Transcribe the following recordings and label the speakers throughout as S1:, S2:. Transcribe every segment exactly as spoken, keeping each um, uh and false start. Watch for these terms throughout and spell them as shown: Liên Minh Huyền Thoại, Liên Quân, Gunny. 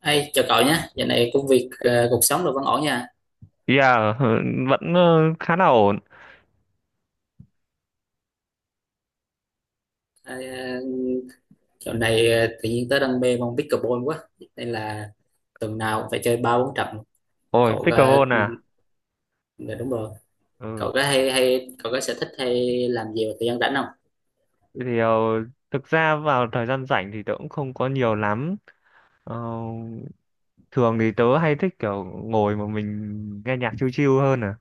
S1: Hey, chào cậu nhé, giờ này công việc, ờ, cuộc sống rồi vẫn ổn nha.
S2: Yeah, vẫn ờ, khá là ổn.
S1: À, dạo này ờ, tự nhiên tớ đang mê môn pickleball quá, nên là tuần nào cũng phải chơi ba bốn trận.
S2: Ôi,
S1: Cậu có,
S2: pickleball
S1: ừ,
S2: à?
S1: dạ đúng rồi,
S2: Ừ.
S1: cậu có hay hay cậu có sở thích hay làm gì vào thời gian rảnh không?
S2: Thì ờ, Thực ra vào thời gian rảnh thì tớ cũng không có nhiều lắm. Ờ, Thường thì tớ hay thích kiểu ngồi mà mình nghe nhạc chill chill hơn à.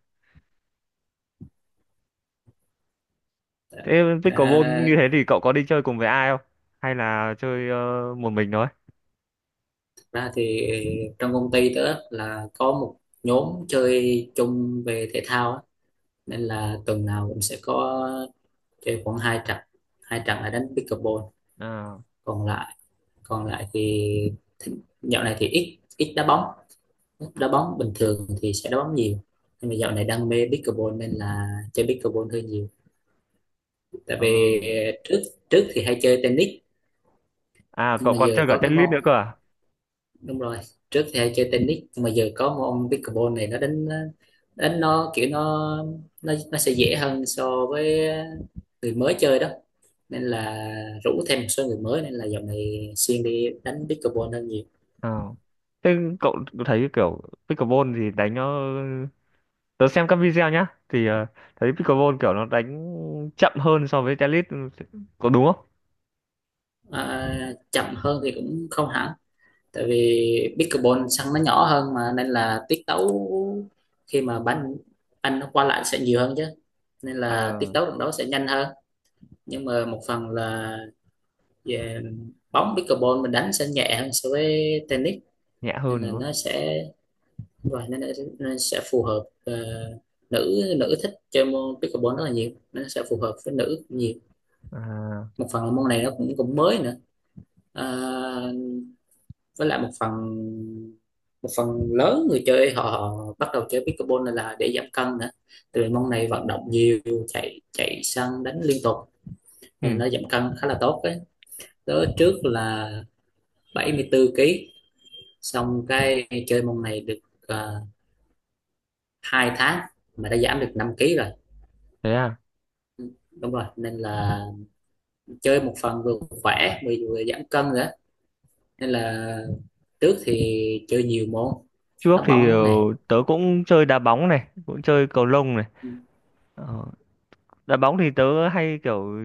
S1: Ờ.
S2: Thế pickleball
S1: À.
S2: như thế thì cậu có đi chơi cùng với ai không? Hay là chơi ờ, một mình thôi?
S1: Thật ra thì trong công ty tớ là có một nhóm chơi chung về thể thao á, nên là tuần nào cũng sẽ có chơi khoảng hai trận, hai trận là đánh pickleball,
S2: À,
S1: còn lại còn lại thì dạo này thì ít ít đá bóng, đá bóng bình thường thì sẽ đá bóng nhiều nhưng mà dạo này đam mê pickleball nên là chơi pickleball hơi nhiều, tại
S2: ờ.
S1: vì ờ, trước trước thì hay chơi tennis
S2: À,
S1: nhưng
S2: cậu
S1: mà
S2: còn chơi
S1: giờ
S2: cả
S1: có cái
S2: tennis
S1: môn,
S2: nữa cơ à?
S1: đúng rồi, trước thì hay chơi tennis nhưng mà giờ có môn pickleball này nó đánh, đánh nó kiểu nó nó nó sẽ dễ hơn so với người mới chơi đó, nên là rủ thêm một số người mới nên là dạo này xuyên đi đánh pickleball hơn nhiều.
S2: Ờ. Thế cậu thấy kiểu pickleball thì đánh nó, tớ xem các video nhá thì ờ, thấy pickleball kiểu nó đánh chậm hơn so với tennis, có đúng không?
S1: À, chậm hơn thì cũng không hẳn, tại vì pickleball sân nó nhỏ hơn mà nên là tiết tấu khi mà bắn anh nó qua lại sẽ nhiều hơn chứ, nên là tiết
S2: À,
S1: tấu trận đấu sẽ nhanh hơn. Nhưng mà một phần là về bóng pickleball mình đánh sẽ nhẹ hơn so với tennis,
S2: nhẹ
S1: nên
S2: hơn
S1: là
S2: đúng không?
S1: nó sẽ, và nên, là- nên sẽ phù hợp, ờ, nữ nữ thích chơi môn pickleball rất là nhiều, nó sẽ phù hợp với nữ nhiều.
S2: À,
S1: Một phần là môn này nó cũng cũng mới nữa. Ờ, với lại một phần, một phần lớn người chơi họ, họ bắt đầu chơi pickleball này là để giảm cân nữa, từ môn này vận động nhiều, chạy chạy săn đánh liên tục
S2: ừ,
S1: nên nó giảm cân khá là tốt đấy. Tớ trước là bảy mươi tư ki lô gam, xong cái chơi môn này được uh, hai tháng mà đã giảm được năm ki lô gam rồi.
S2: thế à.
S1: Ừ, đúng rồi, nên là chơi một phần vừa khỏe vừa, vừa giảm cân nữa, nên là trước thì chơi nhiều môn,
S2: trước
S1: đá
S2: thì ờ,
S1: bóng này,
S2: tớ cũng chơi đá bóng này, cũng chơi cầu lông này. Ờ, đá bóng thì tớ hay kiểu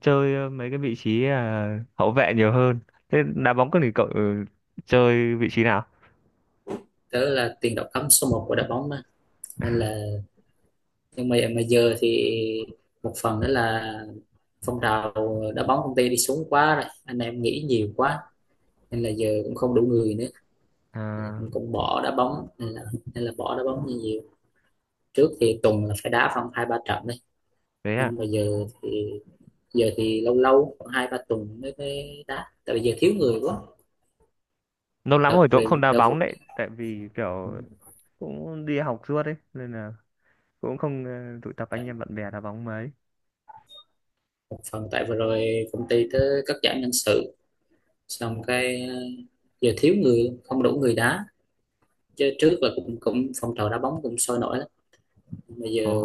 S2: chơi mấy cái vị trí, à, hậu vệ nhiều hơn. Thế đá bóng có thì cậu ờ, chơi vị trí nào?
S1: đó là tiền đạo cấm số một của đội bóng mà. Nên là nhưng mà mà giờ thì một phần đó là phong trào đá bóng công ty đi xuống quá rồi, anh em nghĩ nhiều quá nên là giờ cũng không đủ người nữa. Ờ,
S2: À,
S1: cũng, cũng bỏ đá bóng nên là, nên là bỏ đá bóng nhiều. Trước thì tuần là phải đá khoảng hai ba trận đấy,
S2: thế
S1: nhưng
S2: à.
S1: mà giờ thì, giờ thì lâu lâu khoảng hai ba tuần mới mới đá tại vì giờ thiếu người quá.
S2: Lâu lắm
S1: Đợt
S2: rồi tớ cũng
S1: về
S2: không đá
S1: đợt vừa-
S2: bóng đấy, tại vì kiểu cũng đi học suốt ấy, nên là cũng không ờ, tụ tập anh em bạn bè đá bóng mấy.
S1: một phần tại vừa rồi công ty tới cắt giảm nhân sự, xong cái ờ, giờ thiếu người, không đủ người đá, chứ trước là cũng cũng phong trào đá bóng cũng sôi nổi lắm. Bây
S2: Ờ,
S1: giờ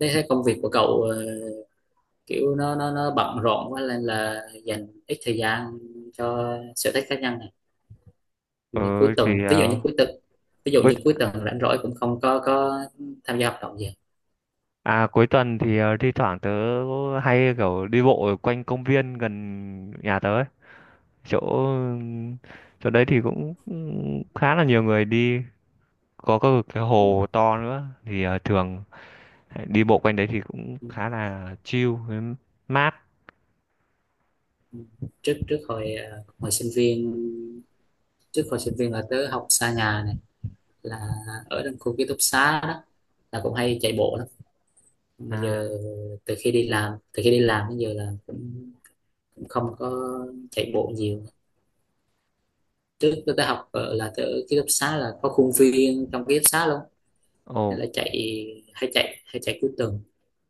S1: thấy cái công việc của cậu, ờ, kiểu nó nó nó bận rộn quá nên là dành ít thời gian cho sở thích cá nhân này.
S2: ừ,
S1: Thì cuối
S2: thì
S1: tuần, ví dụ
S2: ờ,
S1: như cuối tuần ví dụ
S2: cuối
S1: như cuối tuần rảnh rỗi cũng không có có tham gia hoạt động gì.
S2: à cuối tuần thì ờ, thi thoảng tớ hay kiểu đi bộ ở quanh công viên gần nhà tớ ấy. Chỗ chỗ đấy thì cũng cũng khá là nhiều người đi, có cái, cái hồ to nữa thì ờ, thường đi bộ quanh đấy thì cũng khá là chill với mát.
S1: Trước trước hồi ờ, hồi sinh viên, trước hồi sinh viên là tớ học xa nhà này, là ở trong khu ký túc xá đó, là cũng hay chạy bộ lắm, mà giờ
S2: À,
S1: từ khi đi làm từ khi đi làm đến giờ là cũng, cũng không có chạy bộ nhiều. Trước tôi đã học ở là tôi ở ký túc xá là có khuôn viên trong ký túc xá luôn,
S2: ồ,
S1: nên là chạy, hay chạy hay chạy cuối tuần,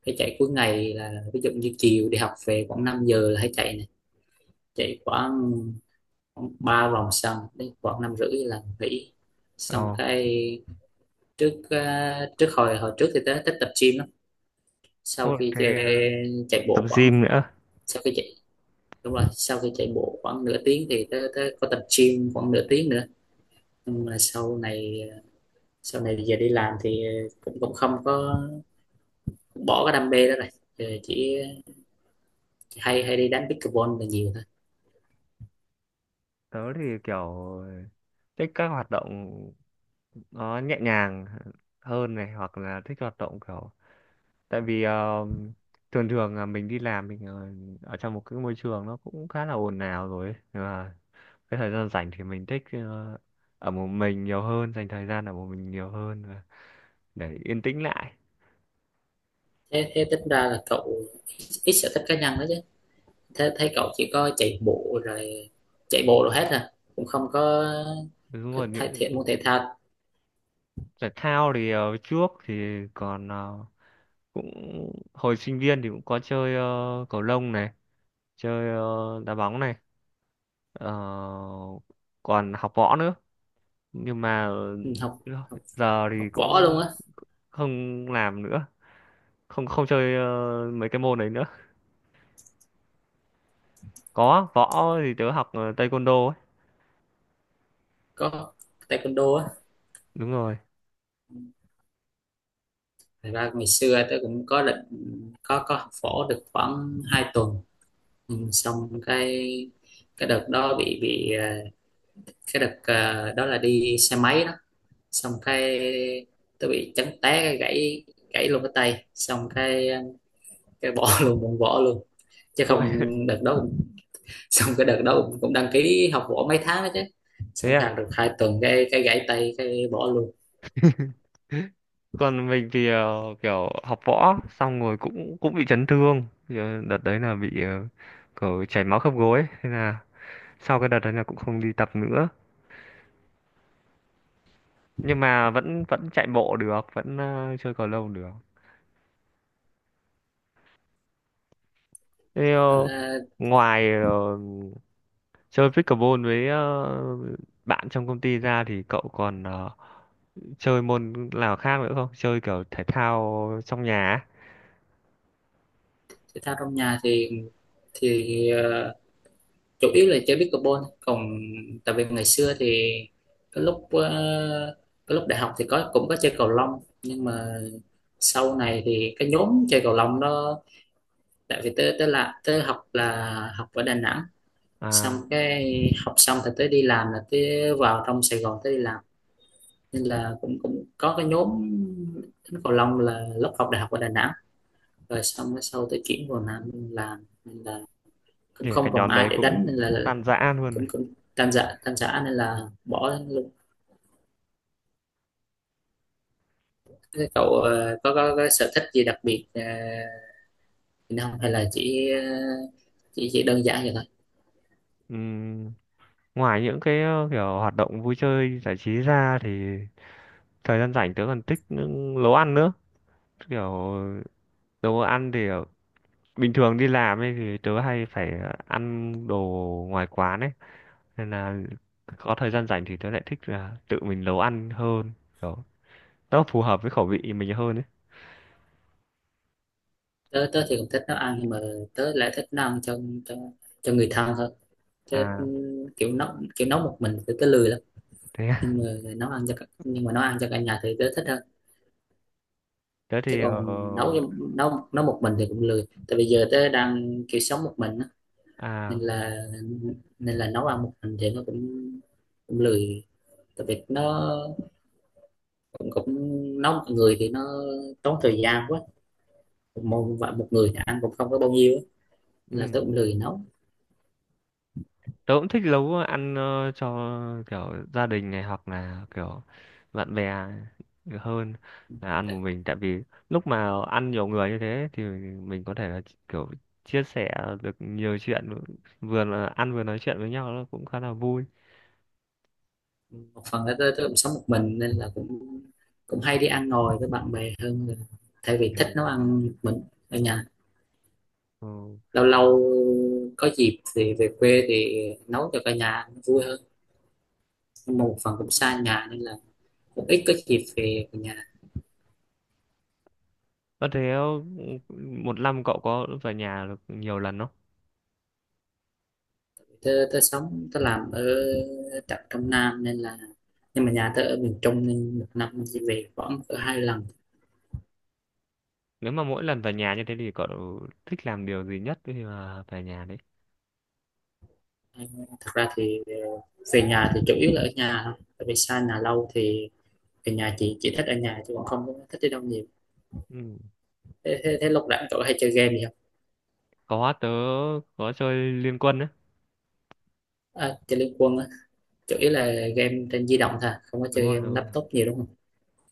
S1: hay chạy cuối ngày là ví dụ như chiều đi học về khoảng năm giờ là hay chạy này, chạy khoảng ba vòng sân đến khoảng năm rưỡi là nghỉ,
S2: ồ.
S1: xong cái trước à, trước hồi hồi trước thì tớ thích tập gym lắm. Sau
S2: Ồ,
S1: khi chạy,
S2: thế ờ,
S1: chạy
S2: tập
S1: bộ khoảng
S2: gym nữa.
S1: sau khi chạy, đúng rồi, sau khi chạy bộ khoảng nửa tiếng thì tớ, tớ có tập gym khoảng nửa tiếng nữa. Nhưng mà sau này, sau này giờ đi làm thì ờ, cũng cũng không có, bỏ cái đam mê đó rồi. Giờ chỉ hay hay đi đánh pickleball là nhiều thôi.
S2: Tớ thì kiểu thích các hoạt động nó nhẹ nhàng hơn này, hoặc là thích hoạt động kiểu, tại vì ờ, thường thường là mình đi làm mình ở, ở trong một cái môi trường nó cũng khá là ồn ào rồi ấy. Nhưng mà cái thời gian rảnh thì mình thích ờ, ở một mình nhiều hơn, dành thời gian ở một mình nhiều hơn và để yên tĩnh lại.
S1: Thế, thế tính ra là cậu ít ít sở thích cá nhân đó chứ, thế thấy cậu chỉ có chạy bộ rồi, chạy bộ rồi hết à, cũng không có,
S2: đúng
S1: có
S2: rồi
S1: thể
S2: những-
S1: thể môn thể thao.
S2: Thể thao thì ờ, trước thì còn ờ, cũng hồi sinh viên thì cũng có chơi, ờ, cầu lông này, chơi ờ, đá bóng này. Ờ, còn học võ nữa, nhưng mà ừ,
S1: Ừ, học học
S2: giờ
S1: học
S2: thì cũng
S1: võ luôn á,
S2: không làm nữa, không không chơi ờ, mấy cái môn đấy nữa. Có võ thì tớ học ờ, taekwondo ấy.
S1: có taekwondo á.
S2: Đúng rồi.
S1: Thật ra ngày xưa tớ cũng có định, có có học phổ được khoảng hai tuần, ừ, xong cái cái đợt đó bị bị ờ, cái đợt ờ, đó là đi xe máy đó, xong cái tớ bị chấn té cái gãy, gãy luôn cái tay xong cái ờ, cái bỏ luôn, cũng bỏ luôn chứ không.
S2: Ôi.
S1: đợt đó cũng- xong cái đợt đó cũng, cũng đăng ký học võ mấy tháng đó chứ,
S2: Thế
S1: xong
S2: à?
S1: học được hai tuần cái cái gãy tay cái bỏ luôn.
S2: Còn mình thì ờ, kiểu học võ xong rồi cũng cũng bị chấn thương. Thì, ờ, đợt đấy là bị ờ, kiểu chảy máu khớp gối ấy. Thế là sau cái đợt đấy là cũng không đi tập nữa, nhưng mà vẫn vẫn chạy bộ được, vẫn ờ, chơi cầu lông được. thế
S1: Ờ,
S2: ờ, ngoài ờ, chơi pickleball với ờ, bạn trong công ty ra thì cậu còn ờ, chơi môn nào khác nữa không? Chơi kiểu thể thao trong nhà á?
S1: thể thao trong nhà thì thì ờ, chủ yếu là chơi pickleball, còn tại vì ngày xưa thì cái lúc ờ, cái lúc đại học thì có cũng có chơi cầu lông, nhưng mà sau này thì cái nhóm chơi cầu lông đó, tại vì tới tới là tới học là học ở Đà Nẵng, xong
S2: À,
S1: cái học xong thì tới đi làm là tới vào trong Sài Gòn tới đi làm, nên là cũng cũng có cái nhóm đánh cầu lông là lúc học đại học ở Đà Nẵng, rồi xong cái sau tới chuyển vào Nam làm nên là cũng
S2: kể cả
S1: không còn
S2: nhóm
S1: ai
S2: đấy
S1: để đánh
S2: cũng
S1: nên là
S2: tan rã luôn.
S1: cũng cũng tan rã tan rã nên là bỏ luôn. Thế cậu ờ, có, có có sở thích gì đặc biệt ờ, không hay là chỉ ờ, chỉ chỉ đơn giản vậy thôi.
S2: Ừm, ngoài những cái ờ, kiểu hoạt động vui chơi giải trí ra thì thời gian rảnh tớ còn thích những nấu ăn nữa. Kiểu đồ ăn thì ở- bình thường đi làm ấy thì tớ hay phải ờ, ăn đồ ngoài quán ấy, nên là có thời gian rảnh thì tớ lại thích là tự mình nấu ăn hơn. Kiểu nó phù hợp với khẩu vị mình hơn ấy.
S1: Tớ tớ thì cũng thích nấu ăn nhưng mà tớ lại thích nấu ăn cho cho cho người thân hơn. Tớ
S2: À.
S1: ừm, kiểu nấu kiểu nấu một mình thì tớ lười lắm,
S2: Thế à?
S1: nhưng mà nấu ăn cho cả- nhưng mà nấu ăn cho cả nhà thì tớ thích hơn,
S2: thế
S1: chứ
S2: thì ờ,
S1: còn nấu cho- nấu nấu một mình thì cũng lười tại vì giờ tớ đang kiểu sống một mình á, nên
S2: À.
S1: là nên là nấu ăn một mình thì nó cũng, cũng lười tại vì nó cũng, cũng nấu mọi người thì nó tốn thời gian quá. Một, một, một người thì ăn cũng không có bao nhiêu á, nên là tôi
S2: Ừ.
S1: cũng lười nấu.
S2: Tớ cũng thích nấu ăn ờ, cho kiểu gia đình này hoặc là kiểu bạn bè hơn là ăn một mình, tại vì lúc mà ăn nhiều người như thế thì mình có thể là kiểu chia sẻ được nhiều chuyện, vừa là ăn vừa nói chuyện với nhau nó cũng khá là vui.
S1: Một phần là tôi, tôi cũng sống một mình nên là cũng cũng hay đi ăn ngồi với bạn bè hơn là thay vì thích nấu ăn một mình ở nhà.
S2: Ừ.
S1: Lâu lâu có dịp thì về quê thì nấu cho cả nhà ăn vui hơn, nhưng mà một phần cũng xa nhà nên là cũng ít có dịp về nhà.
S2: Có thế một năm cậu có về nhà được nhiều lần không?
S1: Tớ, tớ sống tớ làm ở tận trong Nam nên là, nhưng mà nhà tớ ở miền Trung nên một năm mình chỉ về khoảng cỡ hai lần.
S2: Nếu mà mỗi lần về nhà như thế thì cậu thích làm điều gì nhất khi mà về nhà đấy?
S1: Thật ra thì ờ, về nhà thì chủ yếu là ở nhà thôi, tại vì xa nhà lâu thì về nhà chị chỉ thích ở nhà chứ còn không có thích đi đâu nhiều.
S2: Ừ.
S1: Thế, thế, thế lúc rảnh cậu hay chơi game gì không?
S2: Có, tớ có chơi Liên Quân đấy.
S1: À, chơi Liên Quân á, chủ yếu là game trên di động thôi, không có
S2: Đúng
S1: chơi
S2: rồi, đúng
S1: game
S2: rồi.
S1: laptop nhiều đúng không?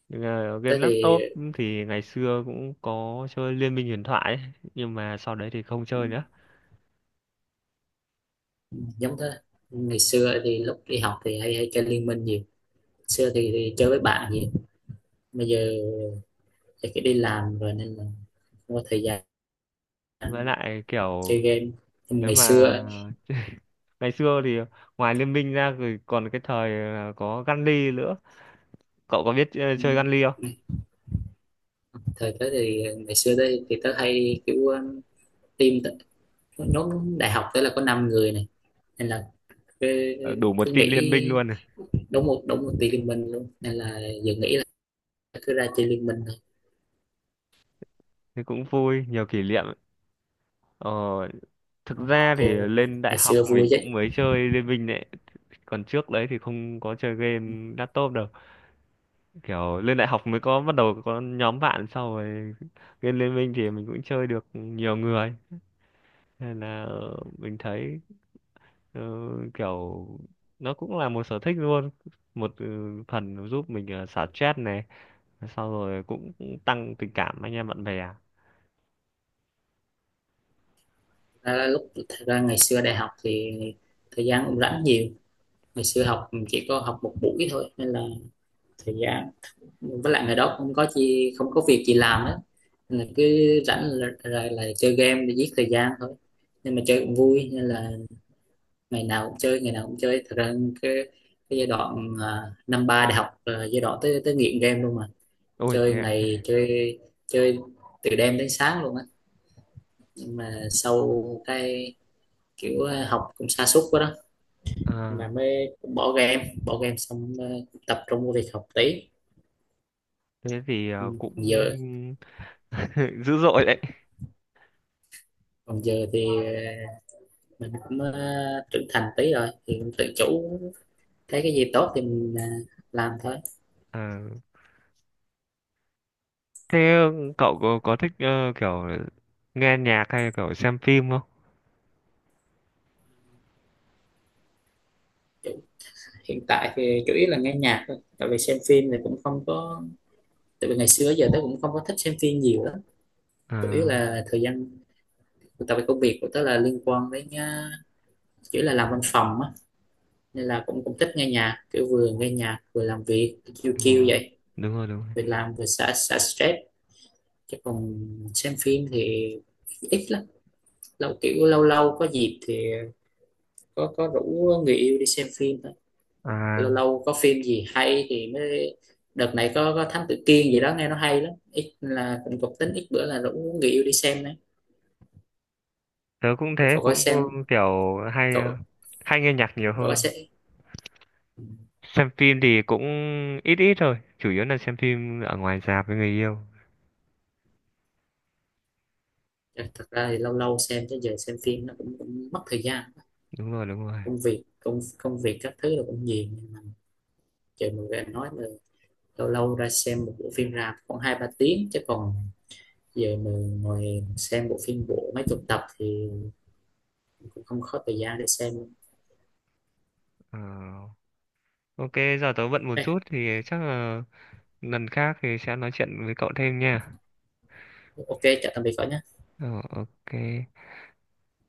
S2: Nhưng mà
S1: Tớ
S2: game
S1: thì
S2: laptop thì ngày xưa cũng có chơi Liên Minh Huyền Thoại ấy. Nhưng mà sau đấy thì không
S1: ừ,
S2: chơi nữa.
S1: giống thế, ngày xưa thì lúc đi học thì hay hay chơi Liên Minh nhiều, xưa thì, thì chơi với bạn nhiều, bây giờ tại cái đi làm rồi nên là không có thời gian
S2: Với lại
S1: chơi
S2: kiểu
S1: game. Nhưng
S2: nếu
S1: ngày
S2: mà
S1: xưa,
S2: ngày xưa thì ngoài Liên Minh ra rồi còn cái thời là có Gunny nữa. Cậu có biết ờ, chơi Gunny không?
S1: thời tới thì ngày xưa tới thì tớ hay kiểu um, team, nhóm đại học tới là có năm người này nên là cứ,
S2: Ờ, đủ
S1: cứ
S2: một team Liên
S1: nghĩ,
S2: Minh luôn.
S1: đúng một đúng một team liên minh luôn, nên là giờ nghĩ là cứ ra chơi liên minh thôi.
S2: Thế cũng vui, nhiều kỷ niệm. Ờ, thực ra thì
S1: Chơi
S2: lên đại
S1: ngày
S2: học
S1: xưa vui
S2: mình
S1: chứ.
S2: cũng mới chơi Liên Minh đấy, còn trước đấy thì không có chơi game laptop đâu, kiểu lên đại học mới có bắt đầu có nhóm bạn sau rồi game Liên Minh thì mình cũng chơi được nhiều người, nên là ờ, mình thấy ờ, kiểu nó cũng là một sở thích luôn, một ừ, phần giúp mình ờ, xả stress này, sau rồi cũng tăng tình cảm anh em bạn bè.
S1: À, lúc thật ra ngày xưa đại học thì thời gian cũng rảnh nhiều, ngày xưa học chỉ có học một buổi thôi nên là thời gian, với lại ngày đó không có chi không có việc gì làm á, nên là cứ rảnh là, là, là chơi game để giết thời gian thôi, nhưng mà chơi cũng vui nên là ngày nào cũng chơi, ngày nào cũng chơi thật ra cái, cái giai đoạn à, năm ba đại học là giai đoạn tới tới nghiện game luôn mà.
S2: Ôi
S1: chơi
S2: thế ạ.
S1: ngày chơi chơi từ đêm đến sáng luôn á, nhưng mà sau cái kiểu à, học cũng sa sút quá đó,
S2: À,
S1: mà mới bỏ game, bỏ game xong à, tập trung vô việc học tí.
S2: thế thì
S1: Ừ,
S2: ờ,
S1: còn
S2: cũng
S1: giờ,
S2: dữ dội đấy.
S1: còn giờ thì à, mình cũng ờ, trưởng thành tí rồi thì cũng tự chủ, thấy cái gì tốt thì mình ờ, làm thôi.
S2: Ờ. Thế cậu có, có thích ờ, kiểu nghe nhạc hay kiểu xem phim không?
S1: Chủ- hiện tại thì chủ yếu là nghe nhạc thôi tại vì xem phim thì cũng không có, tại vì ngày xưa giờ tớ cũng không có thích xem phim nhiều lắm. Chủ yếu
S2: À,
S1: là thời gian, tại vì công việc của tớ là liên quan đến ờ, chủ yếu là làm văn phòng á, nên là cũng cũng thích nghe nhạc kiểu vừa nghe nhạc vừa làm việc chiêu
S2: đúng
S1: chiêu
S2: rồi,
S1: vậy.
S2: đúng rồi, đúng rồi.
S1: Vừa làm vừa xả xả stress, chứ còn xem phim thì ít lắm, lâu kiểu lâu lâu có dịp thì có có rủ người yêu đi xem phim thôi. Lâu
S2: À,
S1: lâu có phim gì hay thì mới, đợt này có có Thám Tử Kiên gì đó nghe nó hay lắm, ít là cũng có tính ít bữa là rủ người yêu đi xem đấy.
S2: tớ cũng thế,
S1: cậu có
S2: cũng ờ,
S1: xem
S2: kiểu hay ờ,
S1: cậu
S2: hay nghe nhạc nhiều
S1: cậu có
S2: hơn.
S1: xem.
S2: Xem phim thì cũng ít ít thôi, chủ yếu là xem phim ở ngoài rạp với người yêu.
S1: Ừ, thật ra thì lâu lâu xem chứ giờ xem phim nó cũng, cũng mất thời gian,
S2: Đúng rồi, đúng rồi.
S1: công việc công công việc các thứ là cũng nhiều, nhưng mà giờ mình về nói là lâu lâu ra xem một bộ phim rạp khoảng hai ba tiếng chứ còn giờ mình ngồi xem bộ phim bộ mấy chục tập thì cũng không có thời gian để xem.
S2: Ờ, ok, giờ tớ bận một chút thì chắc là lần khác thì sẽ nói chuyện với cậu thêm nha.
S1: Ok chào tạm biệt cả nhà.
S2: Ờ, ok.